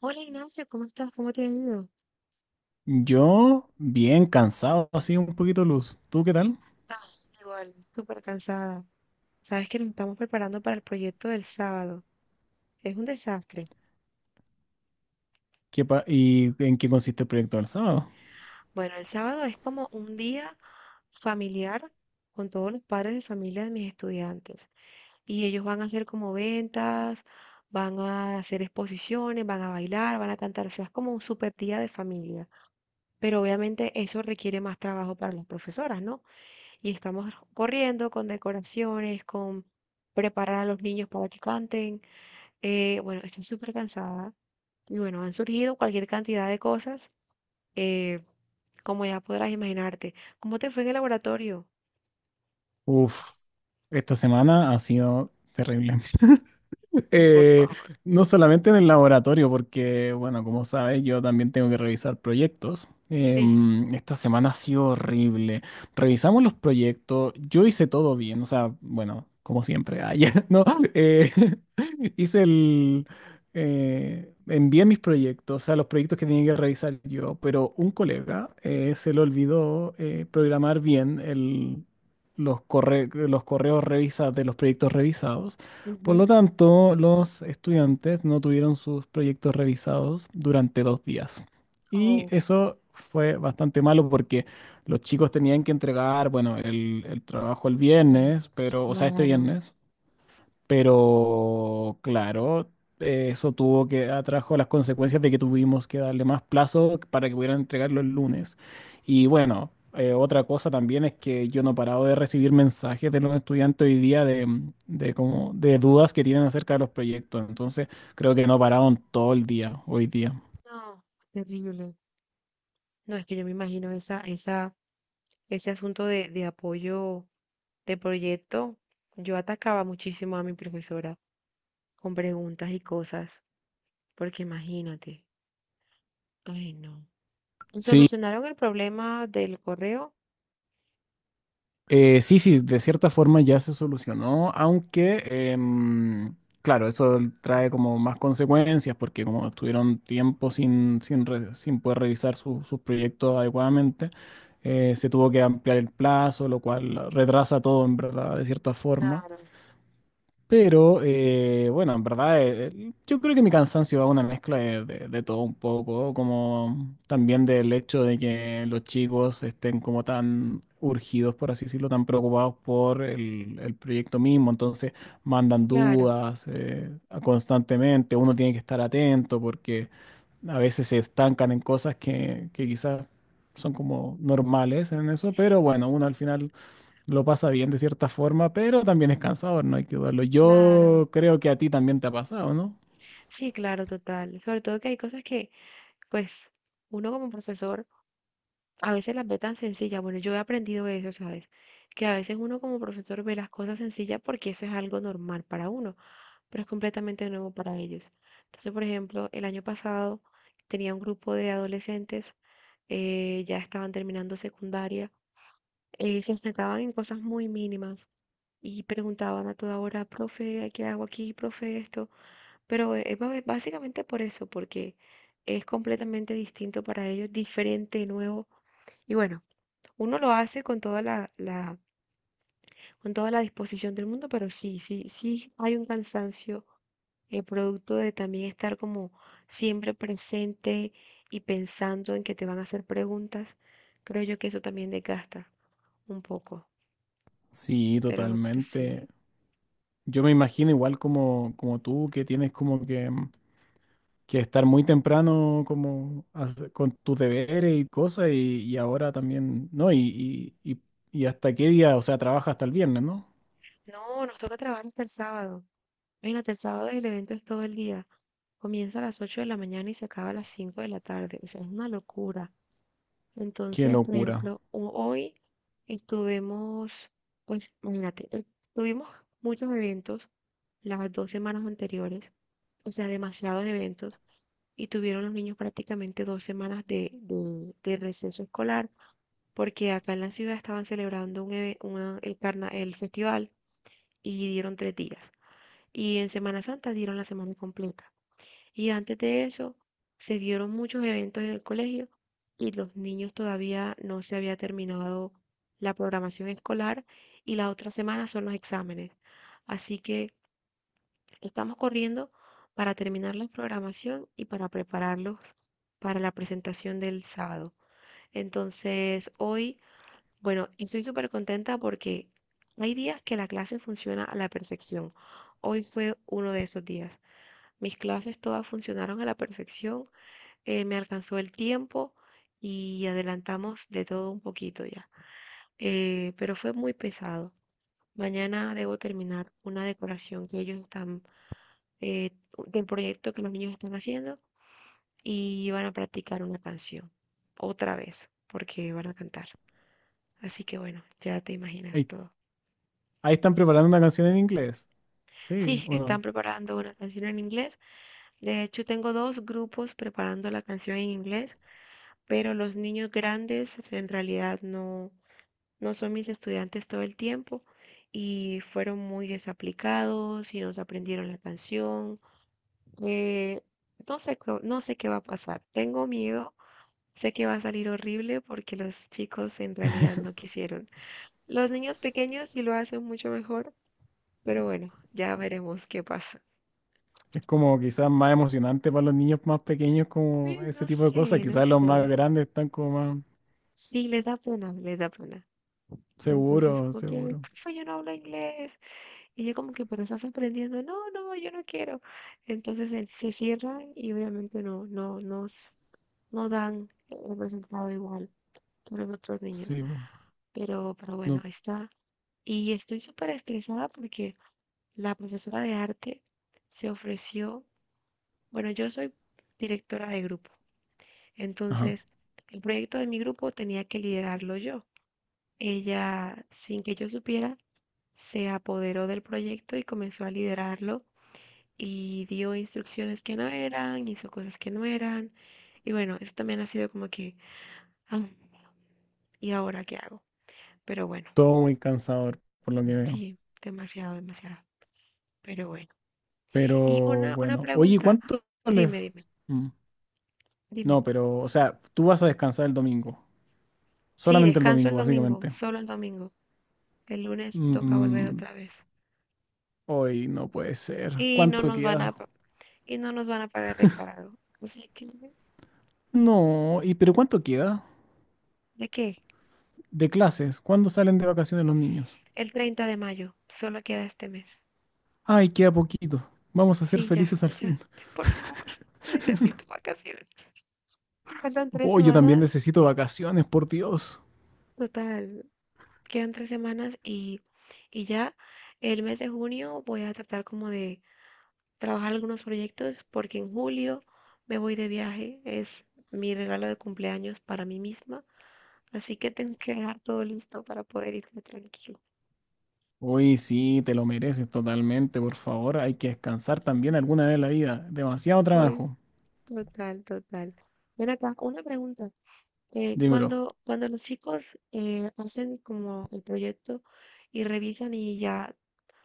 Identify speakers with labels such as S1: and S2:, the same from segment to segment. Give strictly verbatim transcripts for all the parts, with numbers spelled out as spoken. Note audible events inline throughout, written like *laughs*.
S1: Hola Ignacio, ¿cómo estás? ¿Cómo te ha ido?
S2: Yo, bien cansado, así un poquito luz. ¿Tú qué tal?
S1: Ah, igual, súper cansada. Sabes que nos estamos preparando para el proyecto del sábado. Es un desastre.
S2: ¿Qué pa- ¿Y en qué consiste el proyecto del sábado?
S1: Bueno, el sábado es como un día familiar con todos los padres de familia de mis estudiantes. Y ellos van a hacer como ventas, van a hacer exposiciones, van a bailar, van a cantar. O sea, es como un súper día de familia. Pero obviamente eso requiere más trabajo para las profesoras, ¿no? Y estamos corriendo con decoraciones, con preparar a los niños para que canten. Eh, bueno, estoy súper cansada y bueno, han surgido cualquier cantidad de cosas, eh, como ya podrás imaginarte. ¿Cómo te fue en el laboratorio?
S2: Uf, esta semana ha sido terrible.
S1: Por
S2: Eh,
S1: favor.
S2: no solamente en el laboratorio, porque, bueno, como sabes, yo también tengo que revisar proyectos.
S1: Sí.
S2: Em, esta semana ha sido horrible. Revisamos los proyectos, yo hice todo bien, o sea, bueno, como siempre, ayer, *laughs* ¿no? Eh, *laughs* hice el... eh, envié mis proyectos, o sea, los proyectos que tenía que revisar yo, pero un colega eh, se le olvidó eh, programar bien el, los corre- los correos revisados de los proyectos revisados. Por lo
S1: Ujú.
S2: tanto, los estudiantes no tuvieron sus proyectos revisados durante dos días. Y
S1: Oh,
S2: eso fue bastante malo porque los chicos tenían que entregar, bueno, el, el trabajo el viernes,
S1: Dios,
S2: pero, o sea, este
S1: claro.
S2: viernes, pero claro, eh, eso tuvo que atrajo las consecuencias de que tuvimos que darle más plazo para que pudieran entregarlo el lunes. Y bueno, eh, otra cosa también es que yo no he parado de recibir mensajes de los estudiantes hoy día de, de como, de dudas que tienen acerca de los proyectos. Entonces, creo que no pararon todo el día hoy día.
S1: No, terrible. No, es que yo me imagino esa, esa, ese asunto de, de apoyo de proyecto. Yo atacaba muchísimo a mi profesora con preguntas y cosas. Porque imagínate, ay no. ¿Y
S2: Sí.
S1: ¿Solucionaron el problema del correo?
S2: Eh, sí, sí, de cierta forma ya se solucionó, aunque, em, claro, eso trae como más consecuencias porque como estuvieron tiempo sin, sin, re- sin poder revisar su- sus proyectos adecuadamente, eh, se tuvo que ampliar el plazo, lo cual retrasa todo en verdad, de cierta forma.
S1: Claro,
S2: Pero eh, bueno, en verdad, eh, yo creo que mi cansancio va a una mezcla de, de- de todo un poco, como también del hecho de que los chicos estén como tan urgidos, por así decirlo, tan preocupados por el, el proyecto mismo, entonces mandan
S1: claro,
S2: dudas eh, constantemente, uno tiene que estar atento porque a veces se estancan en cosas que, que quizás son como normales en eso, pero bueno, uno al final lo pasa bien de cierta forma, pero también es cansador, no hay que dudarlo.
S1: claro.
S2: Yo creo que a ti también te ha pasado, ¿no?
S1: Sí, claro, total. Sobre todo que hay cosas que, pues, uno como profesor a veces las ve tan sencillas. Bueno, yo he aprendido eso, ¿sabes? Que a veces uno como profesor ve las cosas sencillas porque eso es algo normal para uno, pero es completamente nuevo para ellos. Entonces, por ejemplo, el año pasado tenía un grupo de adolescentes, eh, ya estaban terminando secundaria, eh, se estancaban en cosas muy mínimas y preguntaban a toda hora, profe, ¿qué hago aquí, profe, esto? Pero es ba- eh, básicamente por eso, porque es completamente distinto para ellos, diferente, nuevo. Y bueno, uno lo hace con toda la, la- con toda la disposición del mundo, pero sí, sí, sí hay un cansancio eh, producto de también estar como siempre presente y pensando en que te van a hacer preguntas. Creo yo que eso también desgasta un poco,
S2: Sí,
S1: pero, pero sí.
S2: totalmente. Yo me imagino igual como, como tú, que tienes como que, mm, que estar muy temprano como hace- con tus deberes y cosas,
S1: Sí.
S2: y, y ahora también, ¿no? Y, y, y, y hasta qué día, o sea, trabaja hasta el viernes, ¿no?
S1: No, nos toca trabajar hasta el sábado. Imagínate, el sábado el evento es todo el día. Comienza a las ocho de la mañana y se acaba a las cinco de la tarde. O sea, es una locura.
S2: Qué
S1: Entonces, por
S2: locura.
S1: ejemplo, ho- hoy estuvimos, pues, imagínate, eh, tuvimos muchos eventos las dos semanas anteriores, o sea, demasiados eventos, y tuvieron los niños prácticamente dos semanas de, de, de receso escolar, porque acá en la ciudad estaban celebrando un, eve- una- el, carna- el festival y dieron tres días y en Semana Santa dieron la semana completa. Y antes de eso se dieron muchos eventos en el colegio y los niños todavía no se había terminado la programación escolar y la otra semana son los exámenes. Así que estamos corriendo para terminar la programación y para prepararlos para la presentación del sábado. Entonces, hoy, bueno, estoy súper contenta porque hay días que la clase funciona a la perfección. Hoy fue uno de esos días. Mis clases todas funcionaron a la perfección, eh, me alcanzó el tiempo y adelantamos de todo un poquito ya. Eh, pero fue muy pesado. Mañana debo terminar una decoración que ellos están, eh, del proyecto que los niños están haciendo y van a practicar una canción otra vez porque van a cantar. Así que bueno, ya te imaginas
S2: Ey,
S1: todo.
S2: ahí están preparando una canción en inglés. Sí,
S1: Sí, están
S2: bueno.
S1: preparando una canción en inglés. De hecho, tengo dos grupos preparando la canción en inglés, pero los niños grandes pues, en realidad no, no son mis estudiantes todo el tiempo y fueron muy desaplicados y no se aprendieron la canción. Eh, no sé, co- no sé qué va a pasar. Tengo miedo. Sé que va a salir horrible porque los chicos en realidad no quisieron. Los niños pequeños sí lo hacen mucho mejor, pero bueno, ya veremos qué pasa.
S2: Es como quizás más emocionante para los niños más pequeños
S1: Sí,
S2: como
S1: no
S2: ese tipo de
S1: sé,
S2: cosas.
S1: no
S2: Quizás los
S1: sé.
S2: más grandes están como más
S1: Sí, les da pena, les da pena. Entonces,
S2: seguros,
S1: como que:
S2: seguros.
S1: "Profe, yo no hablo inglés". Y ella como que: "Pero estás aprendiendo". No, no, yo no quiero. Entonces él- se cierran y obviamente no, no, nos, no dan un resultado igual que los otros niños.
S2: Sí, po.
S1: Pero, pero bueno,
S2: No,
S1: ahí está. Y estoy súper estresada porque la profesora de arte se ofreció, bueno, yo soy directora de grupo,
S2: ajá.
S1: entonces el proyecto de mi grupo tenía que liderarlo yo. Ella, sin que yo supiera, se apoderó del proyecto y comenzó a liderarlo y dio instrucciones que no eran, hizo cosas que no eran. Y bueno, eso también ha sido como que: "Ah, ¿y ahora qué hago?". Pero bueno,
S2: Todo muy cansador por lo que veo.
S1: sí, demasiado, demasiado. Pero bueno.
S2: Pero
S1: Y una, una
S2: bueno, oye,
S1: pregunta,
S2: ¿cuánto les...
S1: dime, dime,
S2: Mm,
S1: dime.
S2: no, pero, o sea, tú vas a descansar el domingo.
S1: Sí,
S2: Solamente el
S1: descanso el
S2: domingo,
S1: domingo,
S2: básicamente.
S1: solo el domingo. El lunes toca volver
S2: Mm,
S1: otra vez.
S2: hoy no puede ser.
S1: Y no
S2: ¿Cuánto
S1: nos van a,
S2: queda?
S1: pa- y no nos van a pagar recargo. Así que,
S2: No, ¿y pero cuánto queda
S1: ¿de qué?
S2: de clases? ¿Cuándo salen de vacaciones los niños?
S1: El treinta de mayo, solo queda este mes.
S2: Ay, queda poquito. Vamos a ser
S1: Sí, ya,
S2: felices al
S1: ya.
S2: fin.
S1: Por favor, *laughs* necesito vacaciones. Faltan tres
S2: Oh, yo también
S1: semanas,
S2: necesito vacaciones, por Dios.
S1: total, quedan tres semanas y, y ya el mes de junio voy a tratar como de trabajar algunos proyectos porque en julio me voy de viaje. Es mi regalo de cumpleaños para mí misma, así que tengo que dejar todo listo para poder irme tranquilo.
S2: Uy, sí, te lo mereces totalmente, por favor. Hay que descansar también alguna vez en la vida. Demasiado
S1: Voy
S2: trabajo.
S1: total, total. Ven acá, una pregunta. Eh,
S2: Dímelo.
S1: cuando, cuando los chicos eh, hacen como el proyecto y revisan y ya,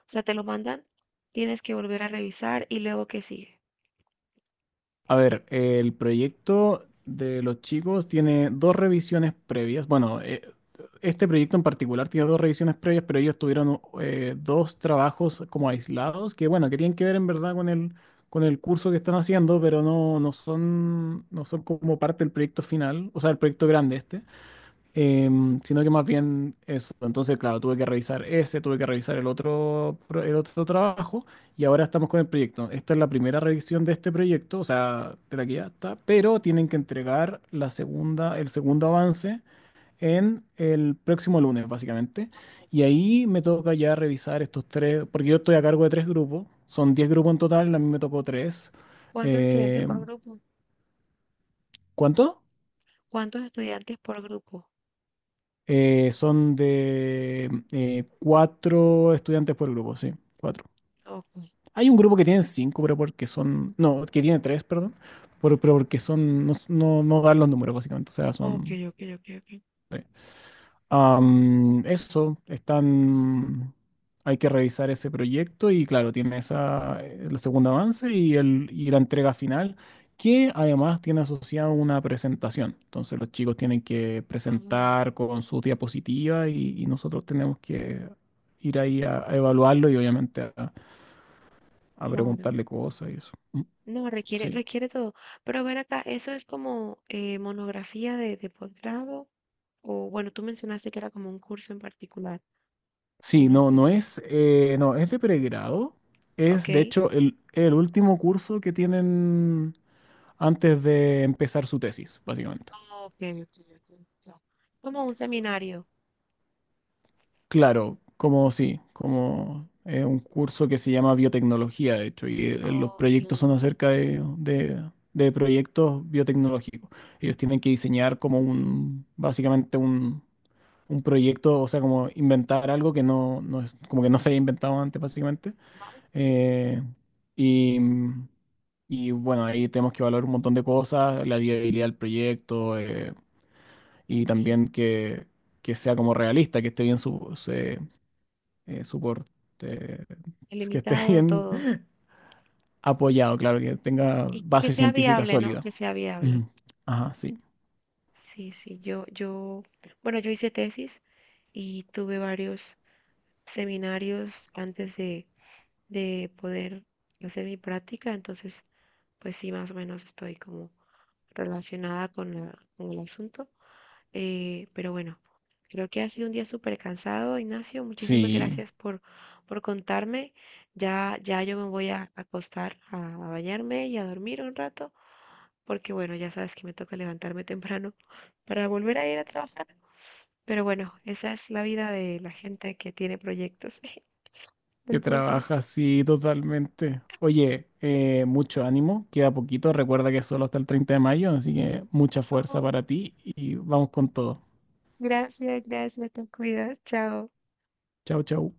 S1: o sea, te lo mandan, tienes que volver a revisar y luego qué sigue.
S2: A ver, el proyecto de los chicos tiene dos revisiones previas. Bueno, eh, este proyecto en particular tiene dos revisiones previas, pero ellos tuvieron eh, dos trabajos como aislados, que bueno, que tienen que ver en verdad con el, con el curso que están haciendo, pero no, no son, no son como parte del proyecto final, o sea, el proyecto grande este em, sino que más bien eso. Entonces, claro, tuve que revisar ese, tuve que revisar el otro, pro- el otro trabajo y ahora estamos con el proyecto. Esta es la primera revisión de este proyecto, o sea, de la que ya está, pero tienen que entregar la segunda, el segundo avance en el próximo lunes, básicamente. Y ahí me toca ya revisar estos tres, porque yo estoy a cargo de tres grupos, son diez grupos en total, a mí me tocó tres.
S1: ¿Cuántos estudiantes
S2: Eh,
S1: por grupo?
S2: ¿cuánto?
S1: ¿Cuántos estudiantes por grupo?
S2: Eh, son de eh, cuatro estudiantes por grupo, sí, cuatro.
S1: Ok,
S2: Hay un grupo que tiene cinco, pero porque son, no, que tiene tres, perdón, pero pero porque son, no, no, no dan los números básicamente, o sea,
S1: ok,
S2: son...
S1: ok, ok, ok.
S2: sí. Am, eso, están, hay que revisar ese proyecto y claro, tiene esa, eh, el segundo avance y, el, y la entrega final, que además tiene asociado una presentación. Entonces los chicos tienen que
S1: Ah,
S2: presentar con sus diapositivas y, y nosotros tenemos que ir ahí a, a evaluarlo y obviamente a, a
S1: claro.
S2: preguntarle cosas y eso. Mm.
S1: No, requiere,
S2: Sí.
S1: requiere todo. Pero ver acá, ¿eso es como eh, monografía de, de posgrado? O bueno, tú mencionaste que era como un curso en particular, o
S2: Sí,
S1: no
S2: no,
S1: sé.
S2: no es, eh, no, es de pregrado.
S1: Ok.
S2: Es de hecho el, el último curso que tienen antes de empezar su tesis, básicamente.
S1: Ok, ok, ok, ya. Como un seminario.
S2: Claro, como sí, como eh, un curso que se llama biotecnología, de hecho, y eh, los
S1: Ok.
S2: proyectos son acerca de, de- de proyectos biotecnológicos. Ellos tienen que diseñar como un, básicamente un, un proyecto, o sea, como inventar algo que no, no es, como que no se haya inventado antes, básicamente.
S1: Ajá.
S2: Eh, y y bueno, ahí tenemos que evaluar un montón de cosas, la viabilidad del proyecto, eh, y
S1: Sí.
S2: también que, que sea como realista, que esté bien su, se- eh, suport- eh, que esté *laughs*
S1: Ilimitado
S2: bien
S1: todo.
S2: apoyado, claro, que tenga
S1: Y que
S2: base
S1: sea
S2: científica
S1: viable, ¿no?
S2: sólida.
S1: Que sea viable.
S2: Ujú. Ajá, sí.
S1: Sí, sí. Yo, yo, bueno, yo hice tesis y tuve varios seminarios antes de, de poder hacer mi práctica. Entonces, pues sí, más o menos estoy como relacionada con la- con el asunto. Eh, pero bueno, creo que ha sido un día súper cansado, Ignacio. Muchísimas
S2: Sí,
S1: gracias por, por contarme. Ya, ya yo me voy a acostar, a, a bañarme y a dormir un rato, porque bueno, ya sabes que me toca levantarme temprano *laughs* para volver a ir a trabajar. Pero bueno, esa es la vida de la gente que tiene proyectos. *laughs*
S2: que
S1: Entonces,
S2: trabaja, sí, totalmente. Oye, eh, mucho ánimo, queda poquito, recuerda que es solo hasta el treinta de mayo, así que mucha fuerza
S1: oh,
S2: para ti y vamos con todo.
S1: gracias, gracias, te cuidas, chao.
S2: Chau, chau.